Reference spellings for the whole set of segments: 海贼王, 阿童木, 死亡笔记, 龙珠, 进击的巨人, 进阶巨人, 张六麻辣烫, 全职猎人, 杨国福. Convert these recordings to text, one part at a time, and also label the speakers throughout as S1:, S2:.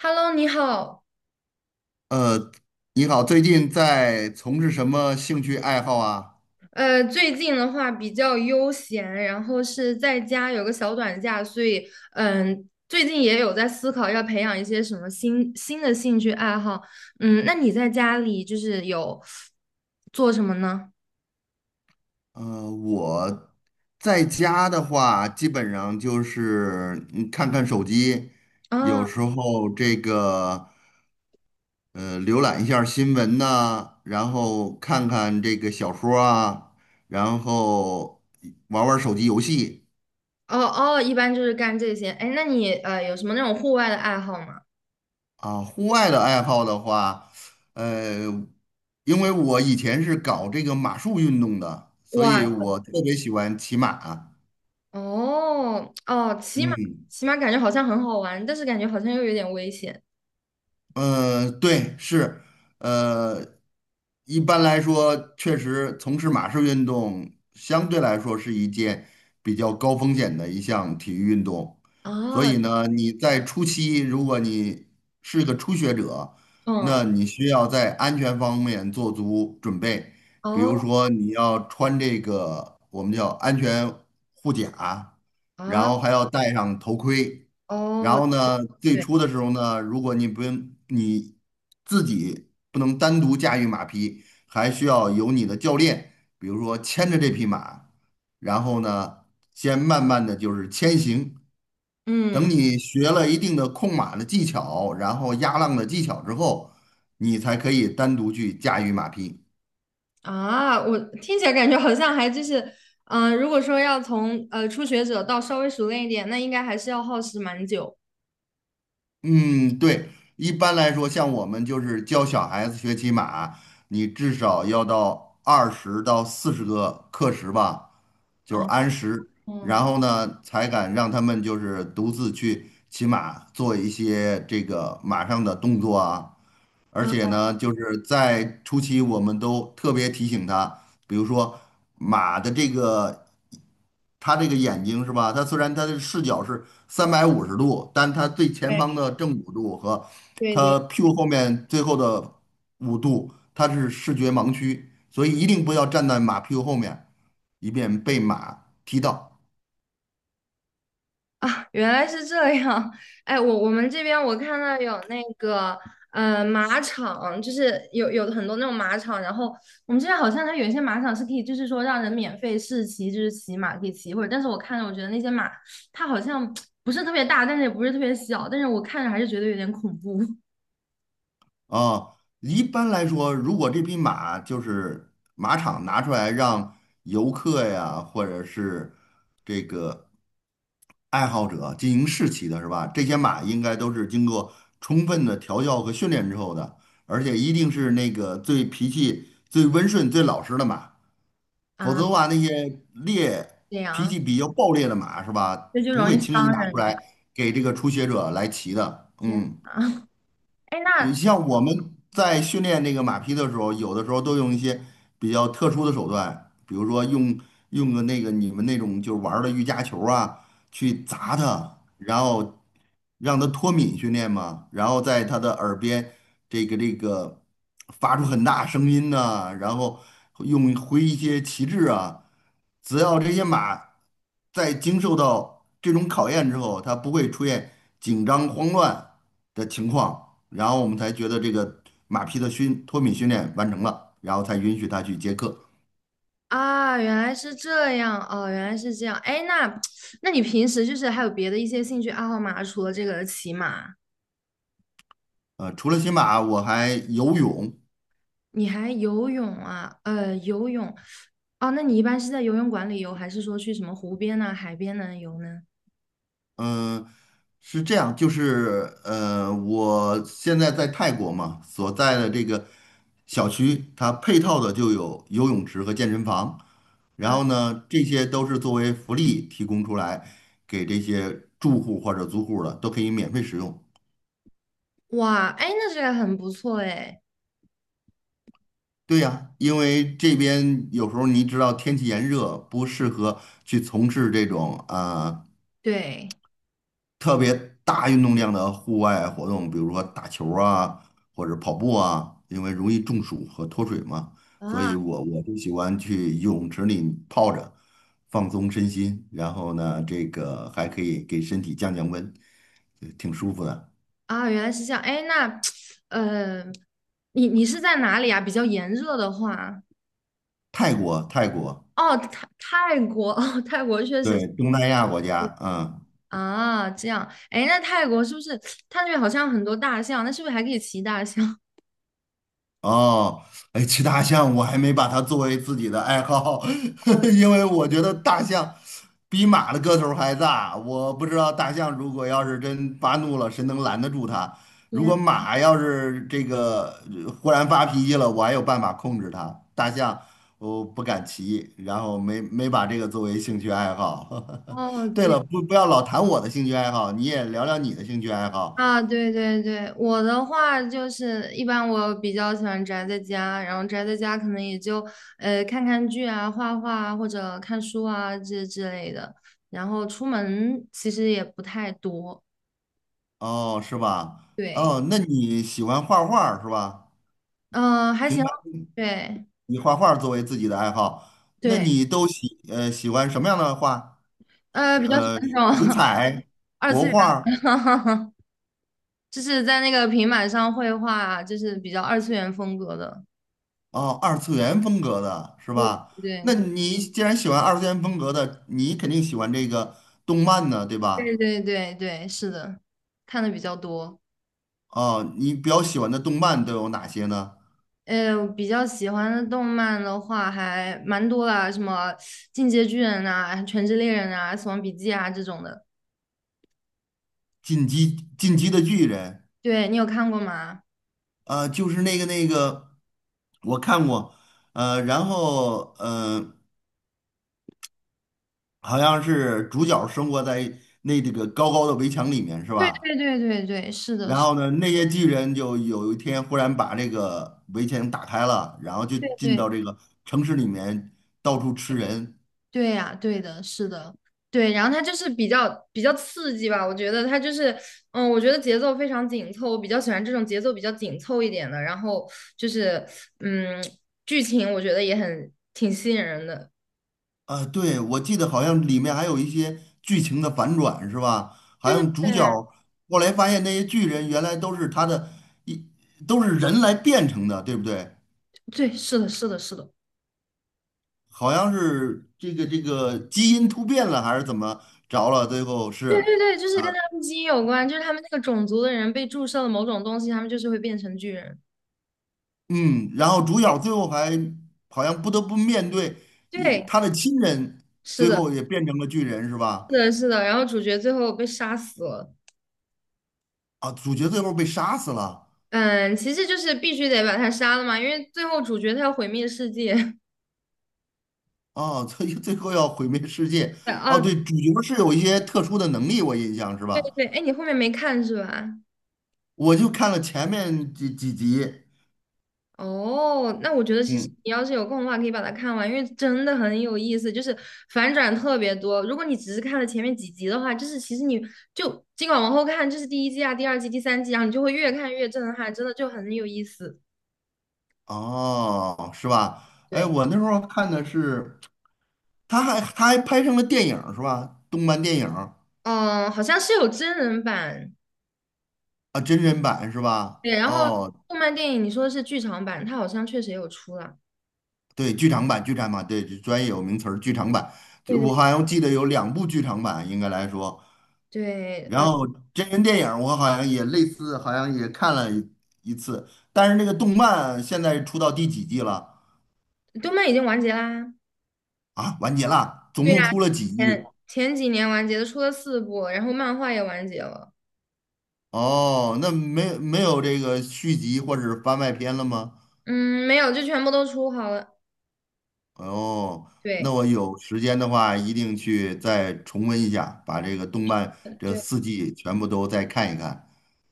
S1: Hello，你好。
S2: 呃，你好，最近在从事什么兴趣爱好啊？
S1: 最近的话比较悠闲，然后是在家有个小短假，所以最近也有在思考要培养一些什么新的兴趣爱好。嗯，那你在家里就是有做什么呢？
S2: 我在家的话，基本上就是看看手机，
S1: 啊，
S2: 有
S1: 哦
S2: 时候浏览一下新闻呐、然后看看这个小说啊，然后玩玩手机游戏。
S1: 哦，一般就是干这些。哎，那你有什么那种户外的爱好吗？
S2: 啊，户外的爱好的话，呃，因为我以前是搞这个马术运动的，所以
S1: 哇，
S2: 我特别喜欢骑马啊。
S1: 哦哦，骑马，
S2: 嗯，
S1: 骑马感觉好像很好玩，但是感觉好像又有点危险。
S2: 对，是，呃，一般来说，确实从事马术运动相对来说是一件比较高风险的一项体育运动，所
S1: 啊。
S2: 以呢，你在初期，如果你是个初学者，
S1: 嗯，
S2: 那你需要在安全方面做足准备，比如
S1: 哦
S2: 说你要穿这个我们叫安全护甲，
S1: 啊，
S2: 然
S1: 哦。
S2: 后还要戴上头盔。然
S1: 哦
S2: 后呢，最
S1: 对，
S2: 初的时候呢，如果你自己不能单独驾驭马匹，还需要有你的教练，比如说牵着这匹马，然后呢，先慢慢的就是牵行。等
S1: 嗯
S2: 你学了一定的控马的技巧，然后压浪的技巧之后，你才可以单独去驾驭马匹。
S1: 我听起来感觉好像还就是，如果说要从初学者到稍微熟练一点，那应该还是要耗时蛮久。
S2: 嗯，对，一般来说，像我们就是教小孩子学骑马，你至少要到20到40个课时吧，就是
S1: 啊，
S2: 按时，
S1: 嗯，
S2: 然后呢，才敢让他们就是独自去骑马，做一些这个马上的动作啊，而且
S1: 啊，
S2: 呢，就是在初期我们都特别提醒他，比如说马的这个，它这个眼睛是吧？它虽然它的视角是350度，但它最前方的正五度和
S1: 对对
S2: 它屁股
S1: 对。
S2: 后面最后的五度，它是视觉盲区，所以一定不要站在马屁股后面，以免被马踢到。
S1: 啊，原来是这样。哎，我们这边我看到有那个马场，就是有很多那种马场，然后我们这边好像它有一些马场是可以，就是说让人免费试骑，就是骑马可以骑一会儿。但是我看着我觉得那些马，它好像不是特别大，但是也不是特别小，但是我看着还是觉得有点恐怖
S2: 啊，一般来说，如果这匹马就是马场拿出来让游客呀，或者是这个爱好者进行试骑的是吧？这些马应该都是经过充分的调教和训练之后的，而且一定是那个最脾气最温顺、最老实的马，否
S1: 啊，
S2: 则的话，那些
S1: 这
S2: 脾
S1: 样
S2: 气比较暴烈的马是吧，
S1: 就
S2: 不
S1: 容
S2: 会
S1: 易
S2: 轻易
S1: 伤
S2: 拿出
S1: 人的。
S2: 来给这个初学者来骑的。
S1: 天
S2: 嗯，
S1: 啊，哎，
S2: 你
S1: 那
S2: 像我们在训练那个马匹的时候，有的时候都用一些比较特殊的手段，比如说用个那个你们那种就是玩儿的瑜伽球啊，去砸它，然后让它脱敏训练嘛，然后在它的耳边这个发出很大声音呐、然后挥一些旗帜啊，只要这些马在经受到这种考验之后，它不会出现紧张慌乱的情况，然后我们才觉得这个马匹的脱敏训练完成了，然后才允许他去接客。
S1: 啊，原来是这样哦，原来是这样。哎，那 那你平时就是还有别的一些兴趣爱好吗？除了这个骑马，
S2: 除了骑马，我还游泳。
S1: 你还游泳啊？游泳哦，那你一般是在游泳馆里游，还是说去什么湖边呐、海边呢游呢？
S2: 嗯，是这样，就是我现在在泰国嘛，所在的这个小区，它配套的就有游泳池和健身房。然
S1: 啊，
S2: 后呢，这些都是作为福利提供出来给这些住户或者租户的，都可以免费使用。
S1: 哇，哎，那这个很不错哎。
S2: 对呀，因为这边有时候你知道天气炎热，不适合去从事这种啊
S1: 对
S2: 特别大运动量的户外活动，比如说打球啊，或者跑步啊，因为容易中暑和脱水嘛。所以
S1: 啊
S2: 我就喜欢去泳池里泡着，放松身心，然后呢，这个还可以给身体降降温，挺舒服的。
S1: 啊，原来是这样。哎，那 呃，你你是在哪里啊？比较炎热的话，
S2: 泰国，泰国，
S1: 哦，泰国，哦，泰国确实。
S2: 对，东南亚国家，嗯。
S1: 啊，这样，哎，那泰国是不是它那边好像很多大象？那是不是还可以骑大象？
S2: 哦，哎，骑大象我还没把它作为自己的爱好，
S1: 哦，
S2: 因为我觉得大象比马的个头儿还大。我不知道大象如果要是真发怒了，谁能拦得住它？如
S1: 天，
S2: 果马要是忽然发脾气了，我还有办法控制它。大象我不敢骑，然后没把这个作为兴趣爱好。
S1: 哦，
S2: 对
S1: 对
S2: 了，不要老谈我的兴趣爱好，你也聊聊你的兴趣爱好。
S1: 啊，对对对，我的话就是一般我比较喜欢宅在家，然后宅在家可能也就看看剧啊、画画啊或者看书啊这之类的，然后出门其实也不太多，
S2: 哦，是吧？
S1: 对，
S2: 哦，那你喜欢画画儿是吧？
S1: 嗯、还
S2: 平
S1: 行，
S2: 常
S1: 对
S2: 以画画作为自己的爱好，那
S1: 对，
S2: 你都喜欢什么样的画？是
S1: 比较喜欢
S2: 水
S1: 那种
S2: 彩、
S1: 二
S2: 国
S1: 次元的。
S2: 画。
S1: 就是在那个平板上绘画，就是比较二次元风格的。
S2: 哦，二次元风格的是
S1: 对
S2: 吧？
S1: 对
S2: 那
S1: 对
S2: 你既然喜欢二次元风格的，你肯定喜欢这个动漫呢，对
S1: 对
S2: 吧？
S1: 对对对，是的，看的比较多。
S2: 哦，你比较喜欢的动漫都有哪些呢？
S1: 我比较喜欢的动漫的话还蛮多啦，什么《进阶巨人》啊，《全职猎人》啊，《死亡笔记》啊这种的。
S2: 《进击的巨人》
S1: 对，你有看过吗？
S2: 啊、就是那个，我看过，然后好像是主角生活在这个高高的围墙里面，是
S1: 对对
S2: 吧？
S1: 对对对，是的，
S2: 然
S1: 是
S2: 后呢，那些巨人就有一天忽然把这个围墙打开了，然后就
S1: 的，
S2: 进
S1: 对。
S2: 到这个城市里面到处吃人。
S1: 对呀，对的，是的，对。然后它就是比较刺激吧，我觉得它就是，嗯，我觉得节奏非常紧凑，我比较喜欢这种节奏比较紧凑一点的。然后就是，嗯，剧情我觉得也很挺吸引人的。
S2: 啊，对，我记得好像里面还有一些剧情的反转，是吧？好
S1: 对
S2: 像
S1: 对
S2: 主角
S1: 对，
S2: 后来发现那些巨人原来都是他的一都是人来变成的，对不对？
S1: 对，是的，是的，是的。
S2: 好像是这个基因突变了还是怎么着了？最后
S1: 对
S2: 是。
S1: 对对，就是跟他们基因有关，就是他们那个种族的人被注射了某种东西，他们就是会变成巨人。
S2: 嗯，然后主
S1: 对，
S2: 角最后还好像不得不面对
S1: 对，
S2: 他的亲人，
S1: 是
S2: 最
S1: 的，
S2: 后也变成了巨人，是
S1: 是
S2: 吧？
S1: 的，是的。然后主角最后被杀死了。
S2: 啊，主角最后被杀死了，
S1: 嗯，其实就是必须得把他杀了嘛，因为最后主角他要毁灭世界。
S2: 哦，最后要毁灭世界。
S1: 对
S2: 哦，
S1: 啊，对
S2: 对，主角是有一些特殊的能力，我印象是吧？
S1: 对，哎，你后面没看是吧？
S2: 我就看了前面几集，
S1: 哦，那我觉得其实
S2: 嗯，
S1: 你要是有空的话，可以把它看完，因为真的很有意思，就是反转特别多。如果你只是看了前面几集的话，就是其实你就尽管往后看，这是第一季啊、第二季、第三季，然后你就会越看越震撼，真的就很有意思。
S2: 哦，是吧？哎，
S1: 对，
S2: 我那时候看的是，他还拍成了电影儿是吧？动漫电影儿。
S1: 嗯，好像是有真人版，
S2: 啊，真人版是吧？
S1: 对，然后
S2: 哦，
S1: 动漫电影你说的是剧场版，它好像确实也有出了。
S2: 对，剧场版，剧场版，对，专业有名词儿，剧场版。
S1: 对
S2: 就
S1: 对
S2: 我好像记得有两部剧场版，应该来说。
S1: 对，
S2: 然
S1: 嗯
S2: 后真人电影儿我好像也类似，好像也看了一次。但是那个动漫现在出到第几季了？
S1: 动漫已经完结啦。
S2: 啊，完结了，总
S1: 对呀，
S2: 共出了几
S1: 前
S2: 季？
S1: 前几年完结的，出了四部，然后漫画也完结了。
S2: 哦，那没有这个续集或者是番外篇了吗？
S1: 嗯，没有，就全部都出好了。
S2: 哦，那
S1: 对，
S2: 我有时间的话，一定去再重温一下，把这个动漫这
S1: 对，
S2: 四季全部都再看一看。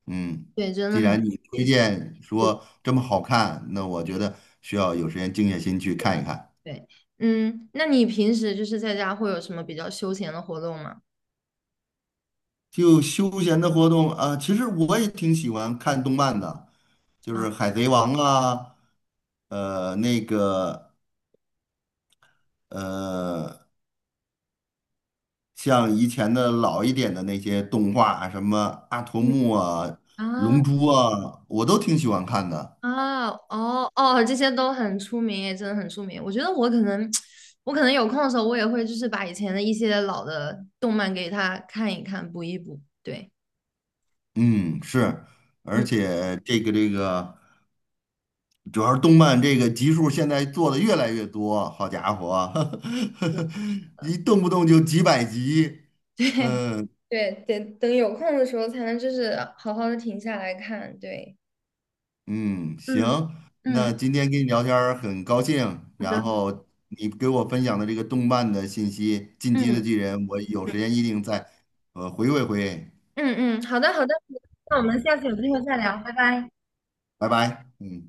S2: 嗯，
S1: 对，真的
S2: 既
S1: 很有
S2: 然你推
S1: 意思。
S2: 荐
S1: 对
S2: 说这么好看，那我觉得需要有时间静下心去看一看。
S1: 对，嗯，那你平时就是在家会有什么比较休闲的活动吗？
S2: 就休闲的活动啊，其实我也挺喜欢看动漫的，就
S1: 啊，
S2: 是《海贼王》啊，呃，那个呃像以前的老一点的那些动画啊，什么阿童
S1: 嗯
S2: 木啊、
S1: 啊
S2: 龙珠啊，我都挺喜欢看的。
S1: 啊哦哦，这些都很出名，也真的很出名。我觉得我可能，我可能有空的时候，我也会就是把以前的一些老的动漫给他看一看，补一补。对，
S2: 嗯，是，而
S1: 嗯，
S2: 且这个，主要是动漫这个集数现在做的越来越多，好家伙，一动不动就几百集。嗯
S1: 对，得等有空的时候才能就是好好的停下来看。对，
S2: 嗯，行，
S1: 嗯嗯
S2: 那今天跟你聊天儿很高兴，
S1: 好
S2: 然
S1: 的，
S2: 后你给我分享的这个动漫的信息，《进击的
S1: 嗯
S2: 巨人》，我有时
S1: 嗯，
S2: 间一定再回味回味。
S1: 嗯嗯，好的好的，那我们下次有机会再聊，拜拜。
S2: 拜拜，嗯。